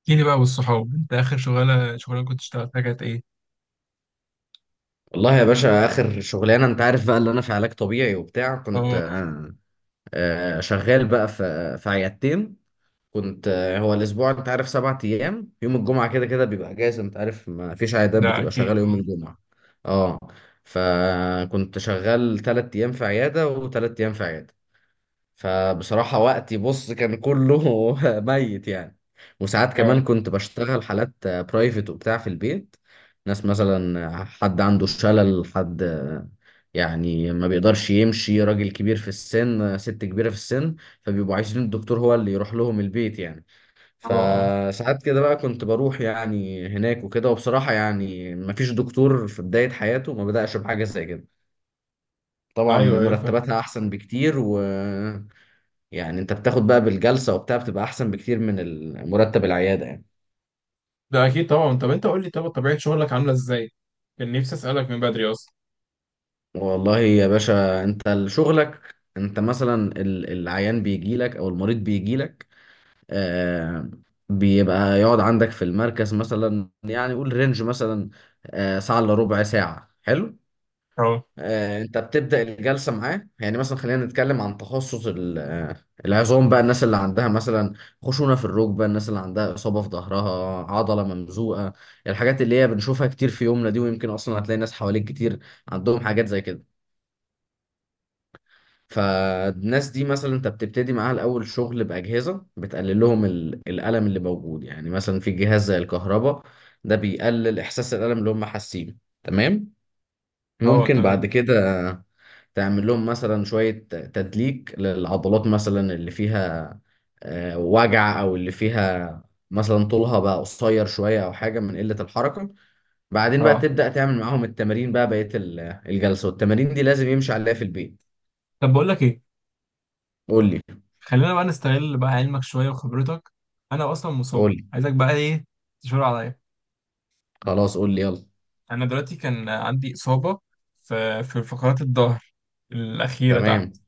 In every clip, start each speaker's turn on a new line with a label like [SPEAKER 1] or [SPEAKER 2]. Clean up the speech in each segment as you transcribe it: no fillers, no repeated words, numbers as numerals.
[SPEAKER 1] احكي لي بقى والصحاب، انت اخر شغاله كنت اشتغلتها كانت ايه؟
[SPEAKER 2] والله يا باشا، اخر شغلانه انت عارف بقى اللي انا في علاج طبيعي وبتاع.
[SPEAKER 1] اه.
[SPEAKER 2] كنت
[SPEAKER 1] اه.
[SPEAKER 2] شغال بقى في عيادتين. كنت هو الاسبوع انت عارف 7 ايام، يوم الجمعه كده كده بيبقى اجازه، انت عارف ما فيش عيادات
[SPEAKER 1] ده
[SPEAKER 2] بتبقى
[SPEAKER 1] اكيد.
[SPEAKER 2] شغاله يوم
[SPEAKER 1] اه.
[SPEAKER 2] الجمعه. اه. فكنت شغال 3 ايام في عياده وثلاث ايام في عياده. فبصراحة وقتي بص كان كله ميت يعني. وساعات كمان
[SPEAKER 1] اه.
[SPEAKER 2] كنت بشتغل حالات برايفت وبتاع في البيت. ناس مثلا حد عنده شلل، حد يعني ما بيقدرش يمشي، راجل كبير في السن، ست كبيرة في السن، فبيبقوا عايزين الدكتور هو اللي يروح لهم البيت يعني.
[SPEAKER 1] اه.
[SPEAKER 2] فساعات كده بقى كنت بروح يعني هناك وكده. وبصراحة يعني ما فيش دكتور في بداية حياته ما بدأش بحاجة زي كده.
[SPEAKER 1] اه.
[SPEAKER 2] طبعا
[SPEAKER 1] ايوه ايوه، فاهم.
[SPEAKER 2] مرتباتها أحسن بكتير، و يعني انت بتاخد بقى بالجلسة وبتاع، بتبقى احسن بكتير من مرتب العيادة يعني.
[SPEAKER 1] ده اكيد طبعا. طب انت قول لي، طبيعه شغلك عامله ازاي؟ كان نفسي اسالك من بدري اصلا.
[SPEAKER 2] والله يا باشا، انت شغلك انت مثلا العيان بيجي لك او المريض بيجي لك. آه بيبقى يقعد عندك في المركز مثلا يعني، قول رينج مثلا، ساعة الا ربع ساعة، حلو.
[SPEAKER 1] اه.
[SPEAKER 2] انت بتبدأ الجلسة معاه يعني، مثلا خلينا نتكلم عن تخصص العظام بقى، الناس اللي عندها مثلا خشونة في الركبة، الناس اللي عندها إصابة في ظهرها، عضلة ممزوقة، الحاجات اللي هي بنشوفها كتير في يومنا دي، ويمكن أصلا هتلاقي ناس حواليك كتير عندهم حاجات زي كده. فالناس دي مثلا انت بتبتدي معاها الأول شغل بأجهزة بتقلل لهم الألم اللي موجود، يعني مثلا في جهاز زي الكهرباء، ده بيقلل إحساس الألم اللي هم حاسينه. تمام.
[SPEAKER 1] اه.
[SPEAKER 2] ممكن
[SPEAKER 1] تمام.
[SPEAKER 2] بعد كده تعمل لهم مثلا شوية تدليك للعضلات مثلا اللي فيها وجع، أو اللي فيها مثلا طولها بقى قصير شوية أو حاجة من قلة الحركة. بعدين بقى
[SPEAKER 1] اه.
[SPEAKER 2] تبدأ تعمل معاهم التمارين بقى بقية الجلسة، والتمارين دي لازم يمشي عليها في البيت.
[SPEAKER 1] طب بقول لك ايه،
[SPEAKER 2] قول لي.
[SPEAKER 1] خلينا بقى نستغل بقى علمك شويه وخبرتك. انا اصلا مصاب،
[SPEAKER 2] قول لي.
[SPEAKER 1] عايزك بقى ايه، تشاور عليا.
[SPEAKER 2] خلاص قول لي يلا.
[SPEAKER 1] انا دلوقتي كان عندي اصابه في فقرات الظهر الاخيره تحت.
[SPEAKER 2] تمام.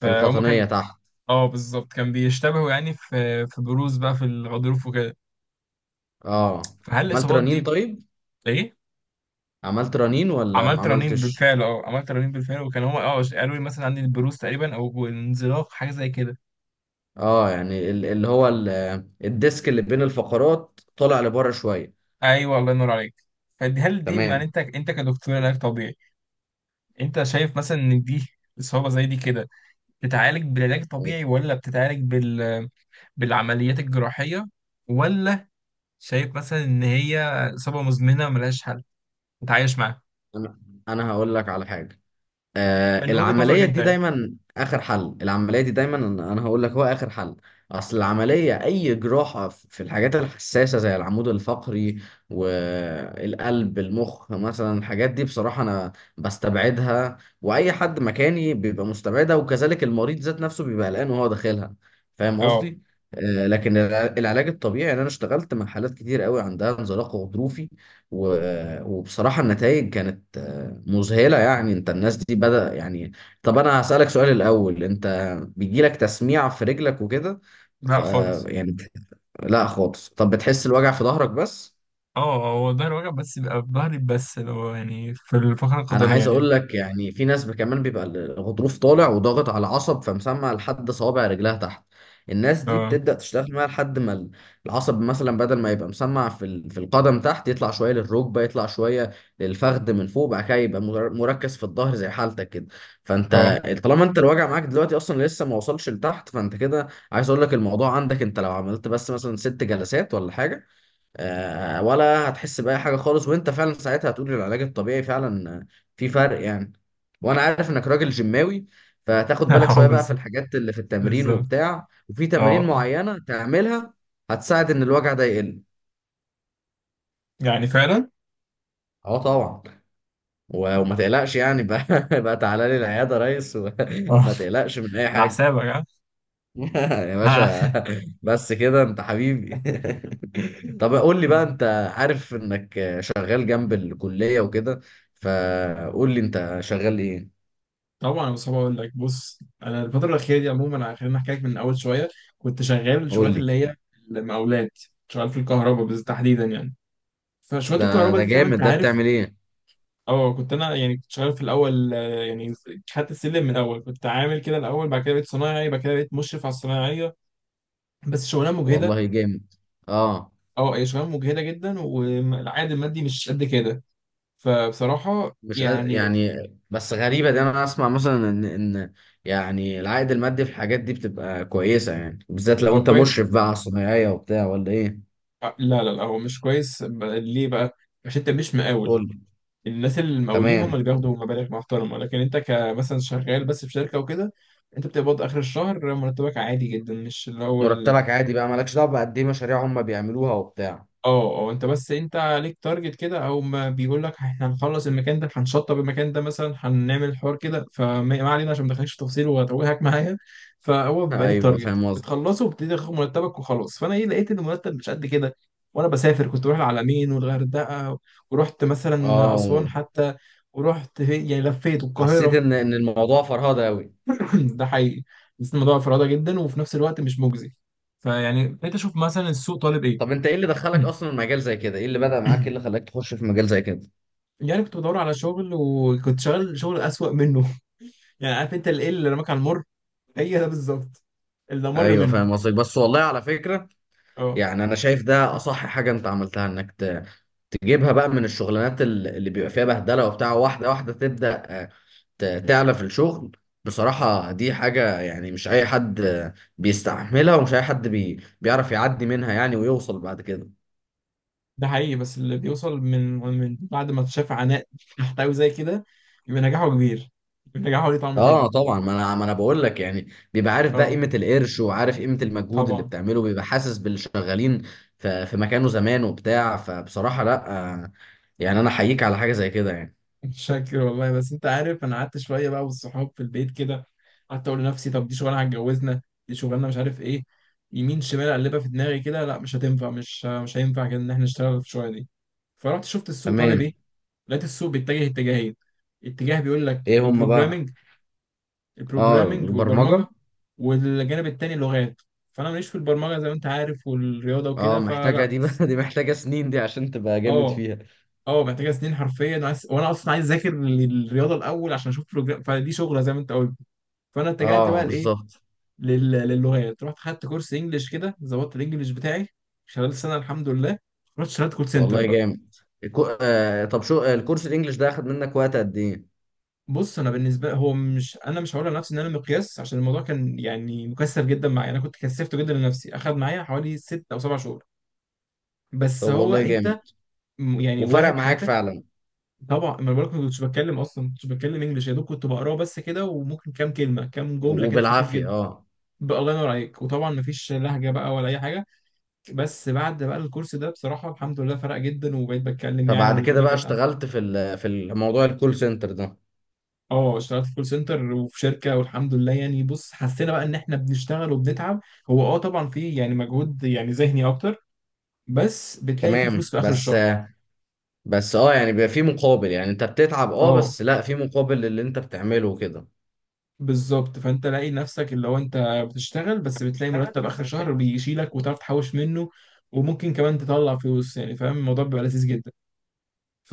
[SPEAKER 2] في
[SPEAKER 1] فهم
[SPEAKER 2] القطنية
[SPEAKER 1] كان
[SPEAKER 2] تحت.
[SPEAKER 1] اه بالظبط، كان بيشتبهوا يعني في بروز بقى في الغضروف وكده.
[SPEAKER 2] اه
[SPEAKER 1] فهل
[SPEAKER 2] عملت
[SPEAKER 1] الاصابات
[SPEAKER 2] رنين،
[SPEAKER 1] دي
[SPEAKER 2] طيب
[SPEAKER 1] ايه؟
[SPEAKER 2] عملت رنين ولا ما
[SPEAKER 1] عملت رنين
[SPEAKER 2] عملتش.
[SPEAKER 1] بالفعل. اه، عملت رنين بالفعل، وكان هما اه قالوا لي مثلا عندي البروز تقريبا او انزلاق حاجه زي كده.
[SPEAKER 2] اه يعني اللي هو الديسك اللي بين الفقرات طالع لبره شوية.
[SPEAKER 1] ايوه الله ينور عليك. فدي هل دي يعني
[SPEAKER 2] تمام.
[SPEAKER 1] انت كدكتور علاج طبيعي، انت شايف مثلا ان دي اصابه زي دي كده بتتعالج بالعلاج الطبيعي، ولا بتتعالج بالعمليات الجراحيه، ولا شايف مثلا ان هي اصابه مزمنه ملهاش حل، تتعايش معاها؟
[SPEAKER 2] انا أنا هقول لك على حاجه.
[SPEAKER 1] من وجهه نظرك
[SPEAKER 2] العمليه
[SPEAKER 1] انت
[SPEAKER 2] دي
[SPEAKER 1] يعني.
[SPEAKER 2] دايما اخر حل، العمليه دي دايما، انا هقول لك هو اخر حل. اصل العمليه، اي جراحه في الحاجات الحساسه زي العمود الفقري والقلب، المخ مثلا، الحاجات دي بصراحه انا بستبعدها، واي حد مكاني بيبقى مستبعدها، وكذلك المريض ذات نفسه بيبقى قلقان وهو داخلها. فاهم
[SPEAKER 1] اه.
[SPEAKER 2] قصدي؟ لكن العلاج الطبيعي، يعني انا اشتغلت مع حالات كتير قوي عندها انزلاق غضروفي، و- وبصراحه النتائج كانت مذهلة يعني. انت الناس دي بدأ يعني. طب انا هسألك سؤال الأول، انت بيجيلك تسميع في رجلك وكده؟ ف
[SPEAKER 1] لا خالص.
[SPEAKER 2] يعني لا خالص، طب بتحس الوجع في ظهرك بس؟
[SPEAKER 1] اه هو ظهر، وجع بس بيبقى في ظهري بس اللي هو يعني في الفقرة
[SPEAKER 2] انا
[SPEAKER 1] القطنية
[SPEAKER 2] عايز
[SPEAKER 1] دي.
[SPEAKER 2] اقول لك يعني في ناس كمان بيبقى الغضروف طالع وضاغط على العصب، فمسمع لحد صوابع رجلها تحت. الناس دي
[SPEAKER 1] اه.
[SPEAKER 2] بتبدأ تشتغل معاها لحد ما العصب مثلا بدل ما يبقى مسمع في في القدم تحت، يطلع شويه للركبه، يطلع شويه للفخذ من فوق، بعد كده يبقى مركز في الظهر زي حالتك كده.
[SPEAKER 1] اه.
[SPEAKER 2] فانت طالما انت الوجع معاك دلوقتي اصلا لسه ما وصلش لتحت، فانت كده عايز اقول لك الموضوع عندك، انت لو عملت بس مثلا 6 جلسات ولا حاجه، ولا هتحس بأي حاجة خالص، وانت فعلا ساعتها هتقول إن العلاج الطبيعي فعلا في فرق يعني. وانا عارف انك راجل جيماوي، فهتاخد بالك شوية
[SPEAKER 1] اه.
[SPEAKER 2] بقى في
[SPEAKER 1] بس
[SPEAKER 2] الحاجات اللي في التمرين
[SPEAKER 1] بالظبط.
[SPEAKER 2] وبتاع، وفي
[SPEAKER 1] اه.
[SPEAKER 2] تمارين
[SPEAKER 1] آه.
[SPEAKER 2] معينة تعملها هتساعد ان الوجع ده يقل.
[SPEAKER 1] يعني فعلا.
[SPEAKER 2] اه طبعا. و- وما تقلقش يعني بقى بقى تعالى لي العيادة يا ريس،
[SPEAKER 1] اه.
[SPEAKER 2] وما تقلقش من اي
[SPEAKER 1] على
[SPEAKER 2] حاجة.
[SPEAKER 1] حسابك ها.
[SPEAKER 2] يا
[SPEAKER 1] لا على
[SPEAKER 2] باشا.
[SPEAKER 1] حسابك.
[SPEAKER 2] بس كده انت حبيبي. طب قول لي
[SPEAKER 1] آه.
[SPEAKER 2] بقى، انت عارف انك شغال جنب الكلية وكده، فقول لي انت شغال ايه.
[SPEAKER 1] طبعا يا مصطفى، اقول لك بص، انا الفتره الاخيره دي عموما، خلينا احكي لك من اول شويه. كنت شغال
[SPEAKER 2] قول
[SPEAKER 1] الشغلات
[SPEAKER 2] لي.
[SPEAKER 1] اللي هي المقاولات. شغال في الكهرباء بالتحديدا يعني. فشغلات
[SPEAKER 2] ده
[SPEAKER 1] الكهرباء
[SPEAKER 2] ده
[SPEAKER 1] دي زي ما انت
[SPEAKER 2] جامد، ده
[SPEAKER 1] عارف.
[SPEAKER 2] بتعمل ايه؟
[SPEAKER 1] اه كنت انا يعني كنت شغال في الاول، يعني خدت السلم من الاول، كنت عامل كده الاول، بعد كده بقيت صنايعي، بعد كده بقيت مشرف على الصنايعيه. بس شغلانه مجهده.
[SPEAKER 2] والله جامد. اه
[SPEAKER 1] اه هي شغلانه مجهده جدا، والعائد المادي مش قد كده. فبصراحه
[SPEAKER 2] مش قاد-
[SPEAKER 1] يعني.
[SPEAKER 2] يعني، بس غريبة دي، انا اسمع مثلا ان يعني العائد المادي في الحاجات دي بتبقى كويسة يعني، بالذات لو
[SPEAKER 1] هو
[SPEAKER 2] انت
[SPEAKER 1] كويس؟
[SPEAKER 2] مشرف بقى على الصنايعية وبتاع، ولا ايه؟
[SPEAKER 1] لا لا لا، هو مش كويس ليه بقى؟ عشان انت مش مقاول.
[SPEAKER 2] قول لي.
[SPEAKER 1] الناس المقاولين هم
[SPEAKER 2] تمام.
[SPEAKER 1] اللي بياخدوا مبالغ محترمه، لكن انت كمثلا شغال بس في شركه وكده. انت بتقبض اخر الشهر مرتبك عادي جدا، مش اللي هو.
[SPEAKER 2] مرتبك عادي بقى، مالكش دعوة بقد ايه مشاريع هم بيعملوها وبتاع.
[SPEAKER 1] اه. اه انت بس انت عليك تارجت كده، او ما بيقول لك احنا هنخلص المكان ده، هنشطب المكان ده مثلا، هنعمل حوار كده، فما ما علينا عشان ما ادخلكش في تفاصيل واتوهك معايا. فهو بيبقى ليك
[SPEAKER 2] ايوه
[SPEAKER 1] تارجت
[SPEAKER 2] فاهم قصدي.
[SPEAKER 1] بتخلصه وبتبتدي تاخد مرتبك وخلاص. فانا ايه، لقيت ان المرتب مش قد كده. وانا بسافر كنت بروح العلمين والغردقه، ورحت مثلا
[SPEAKER 2] اه
[SPEAKER 1] اسوان حتى، ورحت يعني لفيت
[SPEAKER 2] حسيت
[SPEAKER 1] القاهره.
[SPEAKER 2] ان الموضوع فرهده قوي.
[SPEAKER 1] ده حقيقي، بس الموضوع فرادة جدا، وفي نفس الوقت مش مجزي. فيعني بقيت اشوف مثلا السوق طالب ايه.
[SPEAKER 2] طب انت ايه اللي دخلك اصلا مجال زي كده؟ ايه اللي بدأ معاك؟ ايه اللي خلاك تخش في مجال زي كده؟
[SPEAKER 1] يعني كنت بدور على شغل، وكنت شغال شغل أسوأ منه. يعني عارف انت الايه اللي رماك على المر، هي ده بالظبط اللي مر
[SPEAKER 2] ايوه
[SPEAKER 1] منه.
[SPEAKER 2] فاهم قصدك، بس والله على فكره
[SPEAKER 1] اه
[SPEAKER 2] يعني انا شايف ده اصح حاجه انت عملتها، انك تجيبها بقى من الشغلانات اللي بيبقى فيها بهدله وبتاع، واحده واحده تبدأ تعلى في الشغل. بصراحه دي حاجه يعني مش اي حد بيستحملها، ومش اي حد بيعرف يعدي منها يعني ويوصل بعد كده.
[SPEAKER 1] ده حقيقي، بس اللي بيوصل من بعد ما شاف عناء تحتوي زي كده، يبقى نجاحه كبير، يبقى نجاحه ليه طعم
[SPEAKER 2] اه
[SPEAKER 1] تاني.
[SPEAKER 2] طبعا، ما انا بقول لك يعني بيبقى عارف بقى
[SPEAKER 1] اه
[SPEAKER 2] قيمه القرش، وعارف قيمه المجهود اللي
[SPEAKER 1] طبعا.
[SPEAKER 2] بتعمله، بيبقى حاسس باللي شغالين في مكانه زمان وبتاع. فبصراحه لا، آه، يعني انا احييك على حاجه زي كده يعني.
[SPEAKER 1] شاكر والله، بس انت عارف انا قعدت شويه بقى والصحاب في البيت كده، قعدت اقول لنفسي طب دي شغلانه هتجوزنا؟ دي شغلانه مش عارف ايه. يمين شمال اقلبها في دماغي كده، لا مش هتنفع، مش هينفع كده ان احنا نشتغل في الشغلانه دي. فرحت شفت السوق طالب
[SPEAKER 2] تمام.
[SPEAKER 1] ايه، لقيت السوق بيتجه اتجاهين. اتجاه بيقول لك
[SPEAKER 2] ايه هم بقى؟
[SPEAKER 1] البروجرامنج.
[SPEAKER 2] اه
[SPEAKER 1] البروجرامنج والبرمجه.
[SPEAKER 2] البرمجه.
[SPEAKER 1] والجانب التاني لغات. فانا ماليش في البرمجه زي ما انت عارف والرياضه
[SPEAKER 2] اه
[SPEAKER 1] وكده،
[SPEAKER 2] محتاجه
[SPEAKER 1] فلا.
[SPEAKER 2] دي بقى دي محتاجه سنين دي، عشان تبقى جامد
[SPEAKER 1] اه.
[SPEAKER 2] فيها.
[SPEAKER 1] اه محتاجه سنين حرفيا، وانا اصلا عايز اذاكر للرياضه الاول عشان اشوف بروجرام، فدي شغله زي ما انت قلت. فانا اتجهت
[SPEAKER 2] اه
[SPEAKER 1] بقى لايه،
[SPEAKER 2] بالظبط.
[SPEAKER 1] للغات. رحت خدت كورس انجلش كده، ظبطت الانجليش بتاعي خلال السنه الحمد لله. رحت اشتغلت كول سنتر
[SPEAKER 2] والله
[SPEAKER 1] بقى.
[SPEAKER 2] جامد. طب شو آه، الكورس الانجليش ده اخد منك وقت قد ايه؟
[SPEAKER 1] بص انا بالنسبه، هو مش انا مش هقول لنفسي ان انا مقياس، عشان الموضوع كان يعني مكثف جدا معايا، انا كنت كثفته جدا لنفسي، اخذ معايا حوالي 6 او 7 شهور. بس
[SPEAKER 2] طب
[SPEAKER 1] هو
[SPEAKER 2] والله جامد.
[SPEAKER 1] انت يعني
[SPEAKER 2] وفرق
[SPEAKER 1] واهب
[SPEAKER 2] معاك
[SPEAKER 1] حياتك.
[SPEAKER 2] فعلا.
[SPEAKER 1] طبعا ما أنا بقولك، ما كنتش بتكلم اصلا، ما كنتش بتكلم انجلش، يا دوب كنت بقراه بس كده، وممكن كام كلمه كام
[SPEAKER 2] و-
[SPEAKER 1] جمله كده، خفيف
[SPEAKER 2] وبالعافيه
[SPEAKER 1] جدا.
[SPEAKER 2] اه.
[SPEAKER 1] بقى الله ينور عليك، وطبعا ما فيش لهجه بقى ولا اي حاجه. بس بعد بقى الكورس ده بصراحه الحمد لله، فرق جدا، وبقيت بتكلم يعني
[SPEAKER 2] فبعد كده
[SPEAKER 1] والدنيا
[SPEAKER 2] بقى
[SPEAKER 1] كانت عندي.
[SPEAKER 2] اشتغلت في في الموضوع الكول سنتر ده.
[SPEAKER 1] اه اشتغلت في كول سنتر وفي شركه والحمد لله يعني. بص حسينا بقى ان احنا بنشتغل وبنتعب. هو اه طبعا في يعني مجهود يعني ذهني اكتر، بس بتلاقي فيه
[SPEAKER 2] تمام.
[SPEAKER 1] فلوس في اخر
[SPEAKER 2] بس
[SPEAKER 1] الشهر.
[SPEAKER 2] بس اه يعني بيبقى في مقابل، يعني انت بتتعب، اه
[SPEAKER 1] اه
[SPEAKER 2] بس لا في مقابل للي انت بتعمله كده.
[SPEAKER 1] بالظبط، فانت لاقي نفسك اللي هو انت بتشتغل، بس بتلاقي
[SPEAKER 2] اشتغل
[SPEAKER 1] مرتب اخر
[SPEAKER 2] بس
[SPEAKER 1] الشهر
[SPEAKER 2] بتلاقي.
[SPEAKER 1] بيشيلك وتعرف تحوش منه، وممكن كمان تطلع فلوس يعني، فاهم، الموضوع بيبقى لذيذ جدا.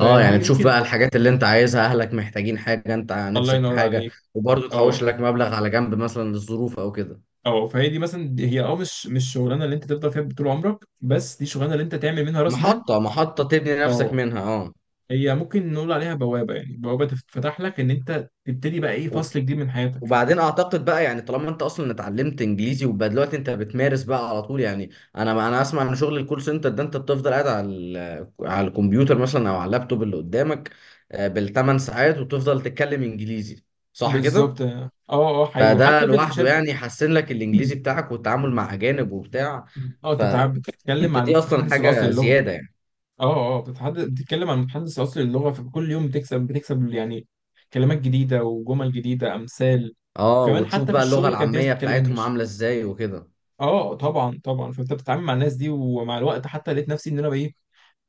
[SPEAKER 2] اه يعني تشوف
[SPEAKER 1] يمكن.
[SPEAKER 2] بقى الحاجات اللي انت عايزها، اهلك محتاجين حاجة، انت
[SPEAKER 1] الله
[SPEAKER 2] نفسك في
[SPEAKER 1] ينور
[SPEAKER 2] حاجة،
[SPEAKER 1] عليك.
[SPEAKER 2] وبرضه تحوش
[SPEAKER 1] اه.
[SPEAKER 2] لك مبلغ على جنب مثلا للظروف او كده.
[SPEAKER 1] اه فهي دي مثلا، دي هي اه مش الشغلانه اللي انت تفضل فيها طول عمرك، بس دي شغلانه اللي انت تعمل منها راس مال.
[SPEAKER 2] محطة محطة تبني نفسك
[SPEAKER 1] اه
[SPEAKER 2] منها اه.
[SPEAKER 1] هي ممكن نقول عليها بوابه، يعني بوابه تفتح لك ان انت تبتدي بقى ايه فصل جديد من حياتك.
[SPEAKER 2] وبعدين اعتقد بقى يعني طالما انت اصلا اتعلمت انجليزي وبقى دلوقتي انت بتمارس بقى على طول يعني. انا اسمع ان شغل الكول سنتر ده انت بتفضل قاعد على على الكمبيوتر مثلا او على اللابتوب اللي قدامك بال 8 ساعات وتفضل تتكلم انجليزي، صح كده؟
[SPEAKER 1] بالظبط. اه. اه حقيقي،
[SPEAKER 2] فده
[SPEAKER 1] حتى في
[SPEAKER 2] لوحده
[SPEAKER 1] الشركه.
[SPEAKER 2] يعني يحسن لك الانجليزي بتاعك والتعامل مع اجانب وبتاع.
[SPEAKER 1] اه انت بتتكلم
[SPEAKER 2] فانت
[SPEAKER 1] عن
[SPEAKER 2] دي اصلا
[SPEAKER 1] المتحدث الاصلي
[SPEAKER 2] حاجة
[SPEAKER 1] للغه.
[SPEAKER 2] زيادة يعني.
[SPEAKER 1] اه. اه بتتكلم عن متحدث اصلي للغه، فكل يوم بتكسب بتكسب يعني كلمات جديده وجمل جديده، امثال.
[SPEAKER 2] اه
[SPEAKER 1] وكمان
[SPEAKER 2] وتشوف
[SPEAKER 1] حتى في
[SPEAKER 2] بقى اللغة
[SPEAKER 1] الشغل كان في ناس
[SPEAKER 2] العامية
[SPEAKER 1] بتتكلم
[SPEAKER 2] بتاعتهم
[SPEAKER 1] انجلش.
[SPEAKER 2] عاملة ازاي وكده.
[SPEAKER 1] اه. اه، طبعا طبعا، فانت بتتعامل مع الناس دي، ومع الوقت حتى لقيت نفسي ان انا بايه،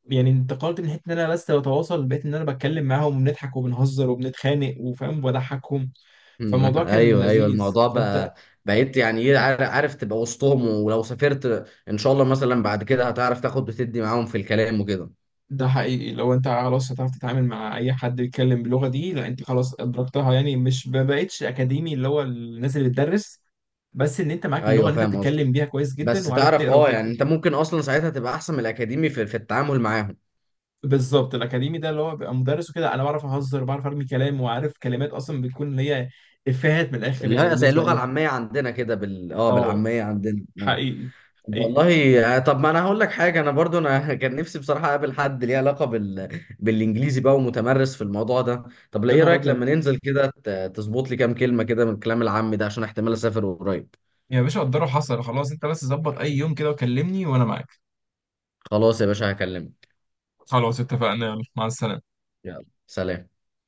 [SPEAKER 1] يعني انتقلت من حته ان انا بس بتواصل، بقيت ان انا بتكلم معاهم وبنضحك وبنهزر وبنتخانق، وفاهم وبضحكهم،
[SPEAKER 2] مم.
[SPEAKER 1] فالموضوع كان
[SPEAKER 2] ايوه، ايوه
[SPEAKER 1] لذيذ.
[SPEAKER 2] الموضوع
[SPEAKER 1] فانت
[SPEAKER 2] بقى. بقيت يعني ايه عارف تبقى وسطهم، ولو سافرت ان شاء الله مثلا بعد كده هتعرف تاخد وتدي معاهم في الكلام وكده.
[SPEAKER 1] ده حقيقي، لو انت خلاص هتعرف تتعامل مع اي حد بيتكلم باللغه دي، لا انت خلاص ادركتها، يعني مش، ما بقتش اكاديمي اللي هو الناس اللي بتدرس، بس ان انت معاك اللغه
[SPEAKER 2] ايوه
[SPEAKER 1] اللي انت
[SPEAKER 2] فاهم قصدي.
[SPEAKER 1] بتتكلم بيها كويس
[SPEAKER 2] بس
[SPEAKER 1] جدا، وعارف
[SPEAKER 2] تعرف
[SPEAKER 1] تقرا
[SPEAKER 2] اه يعني
[SPEAKER 1] وتكتب.
[SPEAKER 2] انت ممكن اصلا ساعتها تبقى احسن من الاكاديمي في التعامل معاهم.
[SPEAKER 1] بالظبط. الاكاديمي ده اللي هو بيبقى مدرس وكده، انا بعرف اهزر، بعرف ارمي كلام، وعارف كلمات اصلا بتكون اللي هي افيهات من الاخر
[SPEAKER 2] اللي
[SPEAKER 1] يعني
[SPEAKER 2] هي زي
[SPEAKER 1] بالنسبه
[SPEAKER 2] اللغه
[SPEAKER 1] ليهم.
[SPEAKER 2] العاميه عندنا كده،
[SPEAKER 1] اه
[SPEAKER 2] بالعاميه عندنا.
[SPEAKER 1] حقيقي. حقيقي.
[SPEAKER 2] والله طب ما انا هقول لك حاجه، انا برضو انا كان نفسي بصراحه اقابل حد ليه علاقه بالانجليزي بقى ومتمرس في الموضوع ده. طب لا،
[SPEAKER 1] يا
[SPEAKER 2] ايه
[SPEAKER 1] نهار
[SPEAKER 2] رايك
[SPEAKER 1] ابيض.
[SPEAKER 2] لما ننزل كده تظبط لي كام كلمه كده من الكلام العام ده، عشان احتمال اسافر قريب.
[SPEAKER 1] يا باشا قدره، حصل، خلاص انت بس ظبط اي يوم كده وكلمني وانا معاك.
[SPEAKER 2] خلاص يا باشا هكلمك.
[SPEAKER 1] خلاص اتفقنا، يلا مع السلامه.
[SPEAKER 2] يلا سلام.